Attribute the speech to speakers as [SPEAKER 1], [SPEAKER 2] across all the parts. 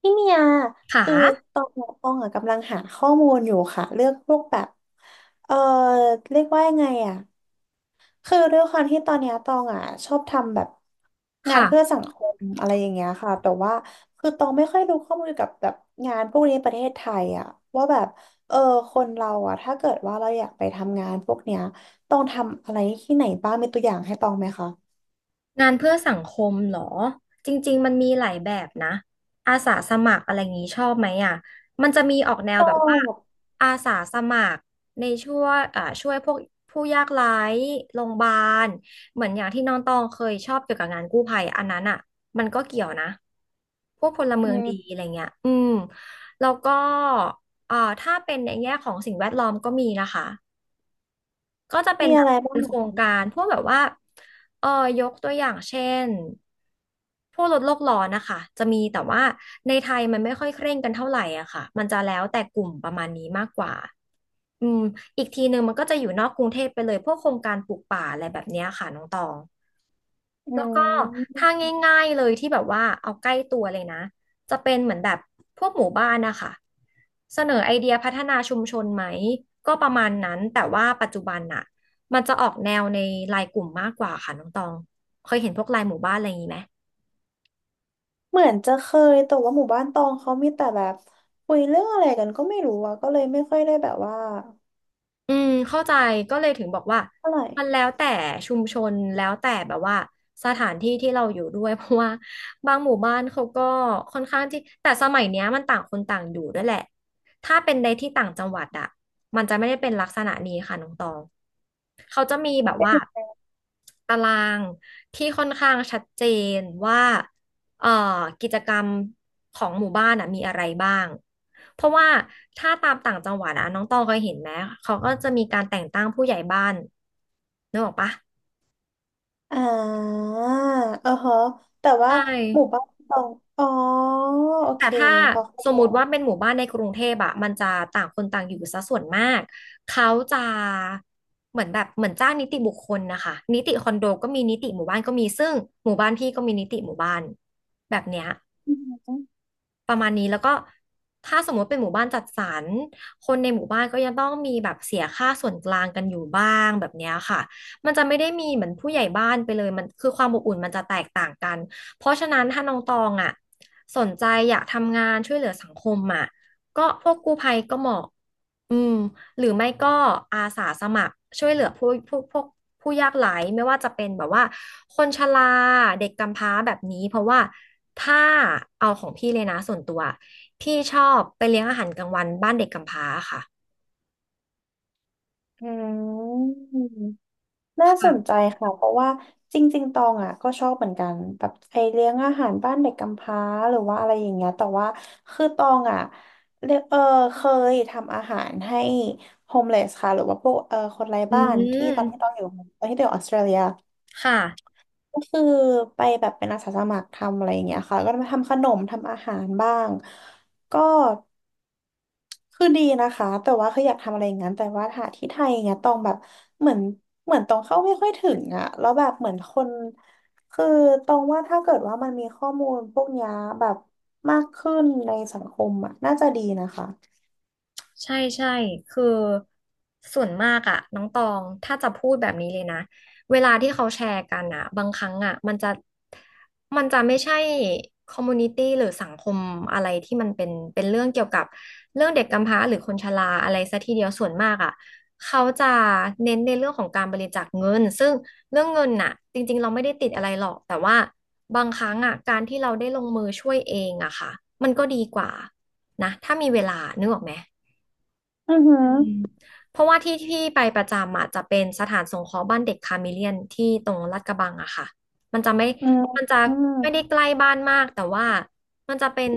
[SPEAKER 1] พี่เมีย
[SPEAKER 2] ค่ะ
[SPEAKER 1] คือตองตองอะกำลังหาข้อมูลอยู่ค่ะเรื่องพวกแบบเออเรียกว่ายังไงอ่ะคือด้วยความที่ตอนเนี้ยตองอ่ะชอบทำแบบงานเพื่อ
[SPEAKER 2] ค่ะ
[SPEAKER 1] สังคมอะไรอย่างเงี้ยค่ะแต่ว่าคือตองไม่ค่อยรู้ข้อมูลเกี่ยวกับแบบงานพวกนี้ในประเทศไทยอ่ะว่าแบบเออคนเราอ่ะถ้าเกิดว่าเราอยากไปทำงานพวกเนี้ยต้องทำอะไรที่ไหนบ้างมีตัวอย่างให้ตองไหมคะ
[SPEAKER 2] งานเพื่อสังคมเหรอ จริงๆ มันมีหลายแบบนะ อาสาสมัครอะไรอย่างนี้ชอบไหมอ่ะมันจะมีออกแนว
[SPEAKER 1] ชอ
[SPEAKER 2] แบบว่า
[SPEAKER 1] บ
[SPEAKER 2] อาสาสมัครในช่วยพวกผู้ยากไร้โรงพยาบาล เหมือนอย่างที่น้องตองเคยชอบเกี่ยวกับงานกู้ภัยอันนั้นอ่ะมันก็เกี่ยวนะ พวกพลเมื
[SPEAKER 1] อื
[SPEAKER 2] องดี
[SPEAKER 1] ม
[SPEAKER 2] อะไรเงี้ยอืม แล้วก็ถ้าเป็นในแง่ของสิ่งแวดล้อมก็มีนะคะ ก็จะเป็น
[SPEAKER 1] มี
[SPEAKER 2] แบ
[SPEAKER 1] อะ
[SPEAKER 2] บ
[SPEAKER 1] ไรบ้าง
[SPEAKER 2] เป็น
[SPEAKER 1] เหร
[SPEAKER 2] โครง
[SPEAKER 1] อ
[SPEAKER 2] การพวกแบบว่าเออยกตัวอย่างเช่นพวกลดโลกร้อนนะคะจะมีแต่ว่าในไทยมันไม่ค่อยเคร่งกันเท่าไหร่อะค่ะมันจะแล้วแต่กลุ่มประมาณนี้มากกว่าอืมอีกทีหนึ่งมันก็จะอยู่นอกกรุงเทพไปเลยพวกโครงการปลูกป่าอะไรแบบเนี้ยค่ะน้องตอง
[SPEAKER 1] อื
[SPEAKER 2] แล้วก็ถ้า
[SPEAKER 1] ม
[SPEAKER 2] ง่ายๆเลยที่แบบว่าเอาใกล้ตัวเลยนะจะเป็นเหมือนแบบพวกหมู่บ้านนะคะเสนอไอเดียพัฒนาชุมชนไหมก็ประมาณนั้นแต่ว่าปัจจุบันน่ะมันจะออกแนวในไลน์กลุ่มมากกว่าค่ะน้องตองเคยเห็นพวกไลน์หมู่บ้านอะไรอย่างนี้ไหม
[SPEAKER 1] เหมือนจะเคยแต่ว่าหมู่บ้านตองเขามีแต่แบบคุยเรื่องอะไรกันก็ไม่รู้อะก็เลยไม่ค่อยได้แบบว่า
[SPEAKER 2] อืมเข้าใจก็เลยถึงบอกว่า
[SPEAKER 1] เท่าไหร่
[SPEAKER 2] มันแล้วแต่ชุมชนแล้วแต่แบบว่าสถานที่ที่เราอยู่ด้วย เพราะว่าบางหมู่บ้านเขาก็ค่อนข้างที่แต่สมัยเนี้ยมันต่างคนต่างอยู่ด้วยแหละถ้าเป็นในที่ต่างจังหวัดอะมันจะไม่ได้เป็นลักษณะนี้ค่ะน้องตองเขาจะมีแบบว่าตารางที่ค่อนข้างชัดเจนว่า เอ่อกิจกรรมของหมู่บ้านอ่ะมีอะไรบ้าง เพราะว่าถ้าตามต่างจังหวัดอ่ะน้องตองเคยเห็นไหมเขาก็จะมีการแต่งตั้งผู้ใหญ่บ้านนึกออกปะ
[SPEAKER 1] อ่าเออฮะแต่
[SPEAKER 2] ใช
[SPEAKER 1] ว่าหมู่
[SPEAKER 2] ่
[SPEAKER 1] บ้านตองอ๋อโอเค
[SPEAKER 2] แต่ถ้า
[SPEAKER 1] พอเข้า
[SPEAKER 2] สม
[SPEAKER 1] ใจ
[SPEAKER 2] มุติว่าเป็นหมู่บ้านในกรุงเทพอะมันจะต่างคนต่างอยู่ซะส่วนมากเขาจะเหมือนแบบเหมือนจ้างนิติบุคคลนะคะนิติคอนโดก็มีนิติหมู่บ้านก็มีซึ่งหมู่บ้านพี่ก็มีนิติหมู่บ้านแบบเนี้ย
[SPEAKER 1] อืม
[SPEAKER 2] ประมาณนี้แล้วก็ถ้าสมมติเป็นหมู่บ้านจัดสรรคนในหมู่บ้านก็ยังต้องมีแบบเสียค่าส่วนกลางกันอยู่บ้างแบบเนี้ยค่ะมันจะไม่ได้มีเหมือนผู้ใหญ่บ้านไปเลยมันคือความอบอุ่นมันจะแตกต่างกันเพราะฉะนั้นถ้าน้องตองอ่ะสนใจอยากทำงานช่วยเหลือสังคมอ่ะก็พวกกู้ภัยก็เหมาะอืม หรือไม่ก็อาสาสมัครช่วยเหลือพวกผู้ยากไร้ไม่ว่าจะเป็นแบบว่าคนชราเด็กกำพร้าแบบนี้เพราะว่าถ้าเอาของพี่เลยนะส่วนตัวพี่ชอบไปเลี้ยงอาหารกลางวันบ้านเด็กกำพร้าค่ะ
[SPEAKER 1] อืม น่าสนใจ
[SPEAKER 2] ค่ะ
[SPEAKER 1] ค่ะเพราะว่าจริงๆ ตองอ่ะก็ชอบเหมือนกันแบบไอเลี้ยงอาหารบ้านเด็กกำพร้าหรือว่าอะไรอย่างเงี้ยแต่ว่าคือตองอ่ะเรียกเคยทำอาหารให้โฮมเลสค่ะหรือว่าพวกคนไร้
[SPEAKER 2] อื
[SPEAKER 1] บ้านที่ตอนที่ตอ
[SPEAKER 2] ม
[SPEAKER 1] งอยู่ตอนที่ตองอยู่ออสเตรเลีย
[SPEAKER 2] ค่ะ
[SPEAKER 1] ก็คือไปแบบเป็นอาสาสมัครทำอะไรอย่างเงี้ยค่ะก็มาทำขนมทำอาหารบ้างก็ คือดีนะคะแต่ว่าคืออยากทำอะไรอย่างนั้นแต่ว่าหาที่ไทยเนี้ยตองแบบเหมือนเหมือนตองเข้าไม่ค่อยถึงอะแล้วแบบเหมือนคนคือตองว่าถ้าเกิดว่ามันมีข้อมูลพวกเนี้ยแบบมากขึ้นในสังคมอะน่าจะดีนะคะ
[SPEAKER 2] ใช่ใช่คือส่วนมากอะน้องตองถ้าจะพูดแบบนี้เลยนะเวลาที่เขาแชร์กันอะบางครั้งอะมันจะไม่ใช่คอมมูนิตี้หรือสังคมอะไรที่มันเป็นเรื่องเกี่ยวกับเรื่องเด็กกำพร้าหรือคนชราอะไรซะทีเดียวส่วนมากอะเขาจะเน้นในเรื่องของการบริจาคเงินซึ่งเรื่องเงินน่ะจริงๆเราไม่ได้ติดอะไรหรอกแต่ว่าบางครั้งอะการที่เราได้ลงมือช่วยเองอะค่ะมันก็ดีกว่านะถ้ามีเวลานึกออกไหม
[SPEAKER 1] อือหื
[SPEAKER 2] อื
[SPEAKER 1] อ
[SPEAKER 2] มเพราะว่าที่ที่ไปประจำอ่ะจะเป็นสถานสงเคราะห์บ้านเด็กคาเมเลียนที่ตรงลาดกระบังอะค่ะมันจะไม่
[SPEAKER 1] อืม
[SPEAKER 2] มันจะ
[SPEAKER 1] อืม
[SPEAKER 2] ไม่ได้ใกล้บ้านมากแต่ว่ามันจะเป็น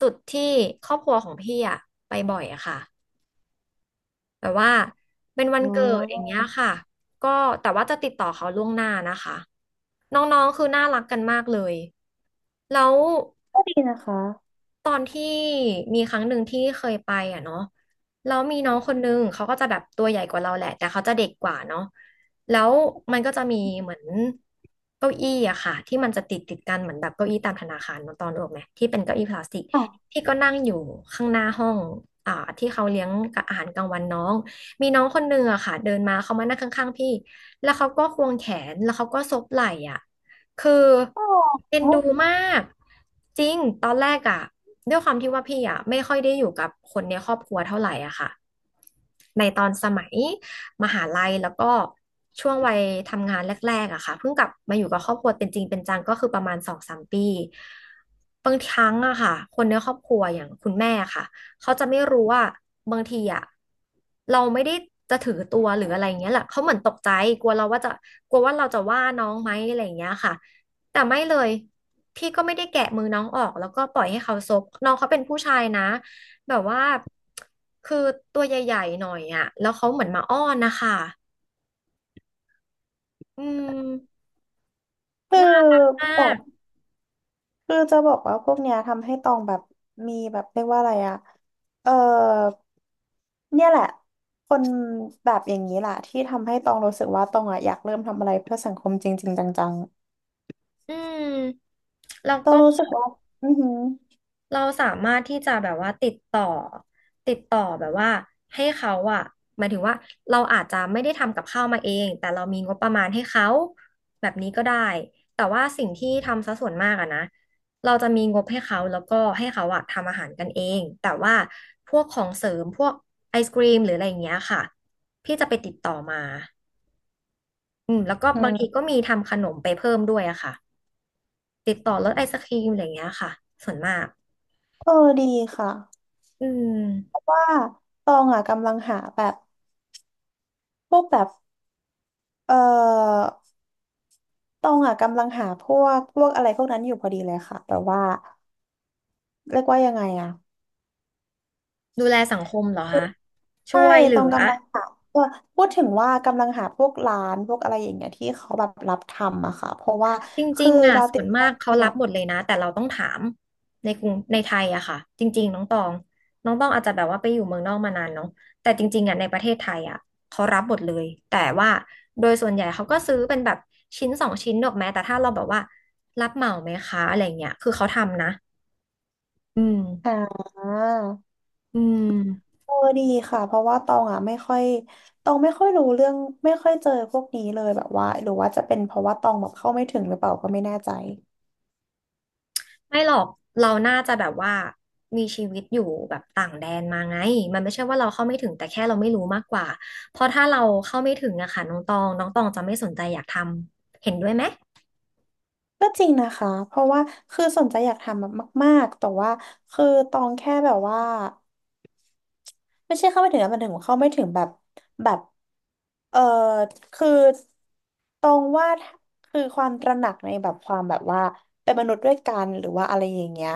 [SPEAKER 2] จุดที่ครอบครัวของพี่อะไปบ่อยอะค่ะแบบว่าเป็นวัน
[SPEAKER 1] ว้า
[SPEAKER 2] เกิดอย่างเงี้ย
[SPEAKER 1] ว
[SPEAKER 2] ค่ะก็แต่ว่าจะติดต่อเขาล่วงหน้านะคะน้องๆคือน่ารักกันมากเลยแล้ว
[SPEAKER 1] ก็ดีนะคะ
[SPEAKER 2] ตอนที่มีครั้งหนึ่งที่เคยไปอ่ะเนาะแล้วมีน้องคนนึงเขาก็จะแบบตัวใหญ่กว่าเราแหละแต่เขาจะเด็กกว่าเนาะแล้วมันก็จะมีเหมือนเก้าอี้อะค่ะที่มันจะติดกันเหมือนแบบเก้าอี้ตามธนาคารเนอะตอนออกไหมที่เป็นเก้าอี้พลาสติก
[SPEAKER 1] อ๋อ
[SPEAKER 2] ที่ก็นั่งอยู่ข้างหน้าห้องอ่าที่เขาเลี้ยงอาหารกลางวันน้องมีน้องคนนึงอะค่ะเดินมาเขามานั่งข้างๆพี่แล้วเขาก็ควงแขนแล้วเขาก็ซบไหล่อะ คือ
[SPEAKER 1] อ๋อ
[SPEAKER 2] เอ็นดูมากจริงตอนแรกอะด้วยความที่ว่าพี่อะไม่ค่อยได้อยู่กับคนในครอบครัวเท่าไหร่อะค่ะในตอนสมัยมหาลัยแล้วก็ช่วงวัยทำงานแรกๆอะค่ะเพิ่งกลับมาอยู่กับครอบครัวเป็นจริงเป็นจังก็คือประมาณสองสามปีบางครั้งอะค่ะคนในครอบครัวอย่างคุณแม่ค่ะเขาจะไม่รู้ว่าบางทีอะเราไม่ได้จะถือตัวหรืออะไรอย่างเงี้ยแหละเขาเหมือนตกใจกลัวเราว่าจะกลัวว่าเราจะว่าน้องไหมอะไรอย่างเงี้ยค่ะ แต่ไม่เลย พี่ก็ไม่ได้แกะมือน้องออกแล้วก็ปล่อยให้เขาซกน้องเขาเป็นผู้ชายนะ แบบว่า คือตัวใหญ่ๆหน่อยอ่ะแล้วเขาเหมือนมาอ้อนนะคะ อืม
[SPEAKER 1] คือ
[SPEAKER 2] น่ามาก
[SPEAKER 1] คือจะบอกว่าพวกเนี้ยทำให้ตองแบบมีแบบเรียกว่าอะไรอะเออเนี่ยแหละคนแบบอย่างนี้แหละที่ทำให้ตองรู้สึกว่าตองอะอยากเริ่มทำอะไรเพื่อสังคมจริงๆจัง
[SPEAKER 2] อืม แล้ว
[SPEAKER 1] ๆตอ
[SPEAKER 2] ก็
[SPEAKER 1] งรู้สึกว่าอือหือ
[SPEAKER 2] เราสามารถที่จะแบบว่าติดต่อแบบว่าให้เขาอะหมายถึงว่าเราอาจจะไม่ได้ทำกับข้าวมาเองแต่เรามีงบประมาณให้เขาแบบนี้ก็ได้แต่ว่าสิ่งที่ทำซะส่วนมากอะนะเราจะมีงบให้เขาแล้วก็ให้เขาอะทำอาหารกันเองแต่ว่าพวกของเสริมพวกไอศกรีมหรืออะไรอย่างเงี้ยค่ะพี่จะไปติดต่อมาอืมแล้วก็
[SPEAKER 1] อื
[SPEAKER 2] บางที
[SPEAKER 1] ม
[SPEAKER 2] ก็มีทำขนมไปเพิ่มด้วยอะค่ะติดต่อรถไอศกรีมอะไรอย่างเงี้ยค่ะส่วนมาก
[SPEAKER 1] เออดีค่ะ
[SPEAKER 2] อืม
[SPEAKER 1] เพราะว่าตองอ่ะกำลังหาแบบพวกแบบเออตองอ่ะกำลังหาพวกอะไรพวกนั้นอยู่พอดีเลยค่ะ แต่ว่าเรียกว่ายังไงอ่ะ
[SPEAKER 2] ดูแลสังคมเหรอคะช่
[SPEAKER 1] ใช่
[SPEAKER 2] วยเหลื
[SPEAKER 1] ตรง
[SPEAKER 2] อ
[SPEAKER 1] กำลังหาว่พูดถึงว่ากำลังหาพวกร้านพวกอะไรอย่างเงี้ยที่เขาแบบรับทำอะค่ะเพราะว่า
[SPEAKER 2] จริ
[SPEAKER 1] คือ
[SPEAKER 2] งๆอ่ะ
[SPEAKER 1] เรา
[SPEAKER 2] ส่
[SPEAKER 1] ติ
[SPEAKER 2] ว
[SPEAKER 1] ด
[SPEAKER 2] น
[SPEAKER 1] โซ
[SPEAKER 2] มากเขา
[SPEAKER 1] เชีย
[SPEAKER 2] รั
[SPEAKER 1] ล
[SPEAKER 2] บหมดเลยนะแต่เราต้องถามในกรุงในไทยอะค่ะจริงๆน้องตองอาจจะแบบว่าไปอยู่เมืองนอกมานานเนาะแต่จริงๆอะในประเทศไทยอะเขารับหมดเลยแต่ว่าโดยส่วนใหญ่เขาก็ซื้อเป็นแบบชิ้นสองชิ้นหรอกแม้แต่ถ้าเราแบบว่ารับเหมาไหมคะอะไรเงี้ยคือเขาทำนะอืม
[SPEAKER 1] อ่า
[SPEAKER 2] อืม
[SPEAKER 1] เออดีค่ะเพราะว่าตองอะไม่ค่อย ตองไม่ค่อยรู้เรื่องไม่ค่อยเจอพวกนี้เลยแบบว่าหรือว่าจะเป็นเพราะว่าตองแบบเข้าไม่ถึงหรือเปล่าก็ไม่แน่ใจ
[SPEAKER 2] ไม่หรอกเราน่าจะแบบว่ามีชีวิตอยู่แบบต่างแดนมาไงมันไม่ใช่ว่าเราเข้าไม่ถึงแต่แค่เราไม่รู้มากกว่าเพราะถ้าเราเข้าไม่ถึงอะค่ะน้องตองจะไม่สนใจอยากทำเห็นด้วยไหม
[SPEAKER 1] ก็จริงนะคะเพราะว่าคือสนใจอยากทำแบบมากๆแต่ว่าคือตองแค่แบบว่า ไม่ใช่เข้าไม่ถึงนะมันถึงเข้าไม่ถึงแบบแบบเออคือตรงว่าคือความตระหนักในแบบความแบบว่าเป็นมนุษย์ด้วยกันหรือว่าอะไรอย่างเงี้ย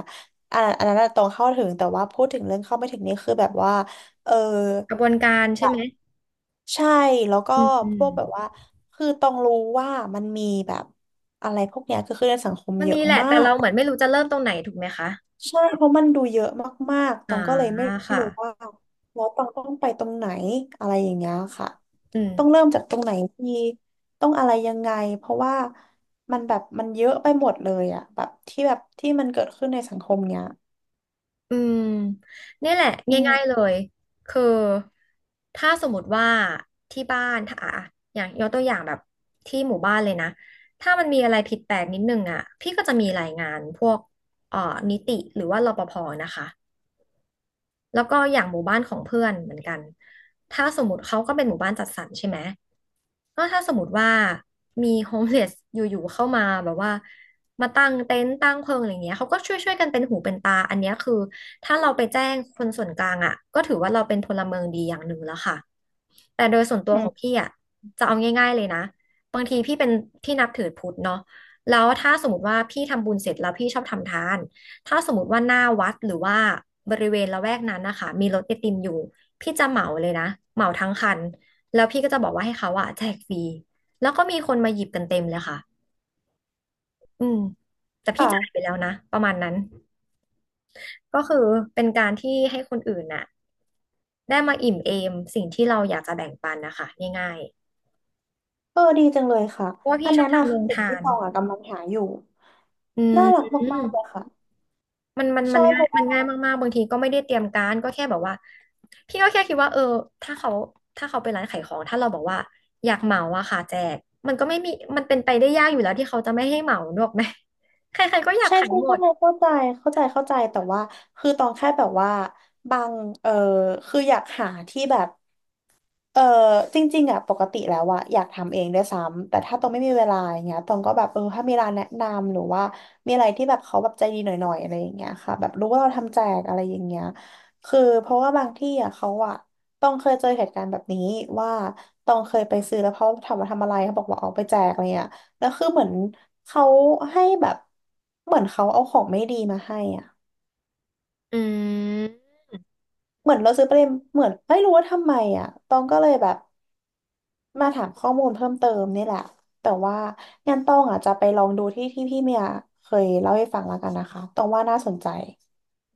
[SPEAKER 1] อันอันนั้นน่ะตรงเข้าถึงแต่ว่าพูดถึงเรื่องเข้าไม่ถึงนี่คือแบบว่าเออ
[SPEAKER 2] กระบวนการ
[SPEAKER 1] แบ
[SPEAKER 2] ใช่ไห
[SPEAKER 1] บ
[SPEAKER 2] ม
[SPEAKER 1] ใช่แล้วก็
[SPEAKER 2] อืมอื
[SPEAKER 1] พ
[SPEAKER 2] ม
[SPEAKER 1] วกแบบว่าคือต้องรู้ว่ามันมีแบบอะไรพวกเนี้ยคือในสังคม
[SPEAKER 2] มัน
[SPEAKER 1] เย
[SPEAKER 2] มี
[SPEAKER 1] อะ
[SPEAKER 2] แหละ
[SPEAKER 1] มา
[SPEAKER 2] แต่เรา
[SPEAKER 1] ก
[SPEAKER 2] เหมือนไม่รู้จะเริ่มตรงไหนถูกไหมคะ
[SPEAKER 1] ใช่เพราะมันดูเยอะมากๆต
[SPEAKER 2] อ่า
[SPEAKER 1] องก็เลยไม่
[SPEAKER 2] ค่ะ
[SPEAKER 1] รู้ว่าแล้วตองต้องไปตรงไหนอะไรอย่างเงี้ยค่ะ
[SPEAKER 2] อืม
[SPEAKER 1] ต้องเริ่มจากตรงไหนดีต้องอะไรยังไงเพราะว่ามันแบบมันเยอะไปหมดเลยอะแบบที่แบบที่มันเกิดขึ้นในสังคมเนี้ย
[SPEAKER 2] อืมเนี่ยแหละ
[SPEAKER 1] อื
[SPEAKER 2] ง่ายๆเล
[SPEAKER 1] ม
[SPEAKER 2] ยคือถ้าสมมติว่าที่บ้านถ้าอ่ะอย่างยกตัวอย่างแบบที่หมู่บ้านเลยนะถ้ามันมีอะไรผิดแปลกนิดนึงอ่ะพี่ก็จะมีรายงานพวกเอ่อนิติหรือว่ารปภนะคะแล้วก็อย่างหมู่บ้านของเพื่อนเหมือนกันถ้าสมมติเขาก็เป็นหมู่บ้านจัดสรรใช่ไหม ก็ถ้าสมมติว่ามีโฮมเลสอยู่ๆเข้ามาแบบว่ามาตั้งเต็นท์ตั้งเพิงอะไรเงี้ยเขาก็ช่วยๆกันเป็นหูเป็นตาอันเนี้ยคือถ้าเราไปแจ้งคนส่วนกลางอ่ะก็ถือว่าเราเป็นพลเมืองดีอย่างหนึ่งแล้วค่ะแต่โดยส่วนตั
[SPEAKER 1] อื
[SPEAKER 2] วของ
[SPEAKER 1] ม
[SPEAKER 2] พี่อ่ะจะเอาง่ายๆเลยนะบางทีพี่เป็นพี่นับถือพุทธเนาะแล้วถ้าสมมติว่าพี่ทำบุญเสร็จแล้วพี่ชอบทำทานถ้าสมมติว่าหน้าวัดหรือว่าบริเวณละแวกนั้นนะคะมีรถไอติมอยู่พี่จะเหมาเลยนะเหมาทั้งคัน แล้วพี่ก็จะบอกว่าให้เขาอะแจกฟรีแล้วก็มีคนมาหยิบกันเต็มเลยค่ะอืมแต่พี่จ่ายไป
[SPEAKER 1] ค่ะ
[SPEAKER 2] แล้วนะประมาณนั้นก็คือเป็นการที่ให้คนอื่นน่ะได้มาอิ่มเอมสิ่งที่เราอยากจะแบ่งปันนะคะง่าย
[SPEAKER 1] เออดีจังเลยค่ะ
[SPEAKER 2] ๆเพราะว่า
[SPEAKER 1] อั
[SPEAKER 2] พี่
[SPEAKER 1] น
[SPEAKER 2] ชอ
[SPEAKER 1] เนี้ย
[SPEAKER 2] บ
[SPEAKER 1] น่ะ
[SPEAKER 2] ทำโร
[SPEAKER 1] คือ
[SPEAKER 2] ง
[SPEAKER 1] สิ่ง
[SPEAKER 2] ทา
[SPEAKER 1] ที่
[SPEAKER 2] น
[SPEAKER 1] ตองอะกำลังหาอยู่
[SPEAKER 2] อืม
[SPEAKER 1] น่ารักมากๆเลยค่ะ
[SPEAKER 2] มันมันมั
[SPEAKER 1] ใช่
[SPEAKER 2] น
[SPEAKER 1] เพ
[SPEAKER 2] ง่าย
[SPEAKER 1] ราะว่า
[SPEAKER 2] ง่ายมากๆบางทีก็ไม่ได้เตรียมการก็แค่แบบว่าพี่ก็แค่คิดว่าเออถ้าเขาไปร้านขายของถ้าเราบอกว่าอยากเหมาอะค่ะแจกมันก็ไม่มีมันเป็นไปได้ยากอยู่แล้วที่เขาจะไม่ให้เหมาหรอกไหมใครๆก็อยาก
[SPEAKER 1] ใช่
[SPEAKER 2] ขาย
[SPEAKER 1] ใช่
[SPEAKER 2] หม
[SPEAKER 1] ใช่
[SPEAKER 2] ด
[SPEAKER 1] เข้าใจเข้าใจเข้าใจแต่ว่าคือตองแค่แบบว่าบางเออคืออยากหาที่แบบ เออจริงๆอ่ะปกติแล้วอ่ะอยากทำเองด้วยซ้ำแต่ถ้าตองไม่มีเวลาอย่างเงี้ยตองก็แบบถ้ามีร้านแนะนำหรือว่ามีอะไรที่แบบเขาแบบใจดีหน่อยๆอะไรอย่างเงี้ยค่ะแบบรู้ว่าเราทำแจกอะไรอย่างเงี้ยคือเพราะว่าบางที่อ่ะเขาอ่ะตองเคยเจอเหตุการณ์แบบนี้ว่าตองเคยไปซื้อแล้วเขาถามว่าทำอะไรเขาบอกว่าเอาไปแจกอะไรเงี้ยแล้วคือเหมือนเขาให้แบบเหมือนเขาเอาของไม่ดีมาให้อ่ะ
[SPEAKER 2] อืม
[SPEAKER 1] เหมือนเราซื้อไปเลยเหมือนไม่รู้ว่าทำไมอ่ะตองก็เลยแบบ มาถามข้อมูลเพิ่มเติมนี่แหละแต่ว่างั้นต้องอ่ะจะไปลองดูที่ที่พี่เมียเคยเล่าให้ฟังแล้วกันนะคะต้องว่าน่าสนใจ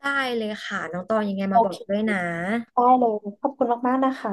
[SPEAKER 2] ได้เลยค่ะน้องตองยังไง
[SPEAKER 1] โอ
[SPEAKER 2] มาบอ
[SPEAKER 1] เค
[SPEAKER 2] กด้วยนะ
[SPEAKER 1] ได้เลยขอบคุณมากๆนะคะ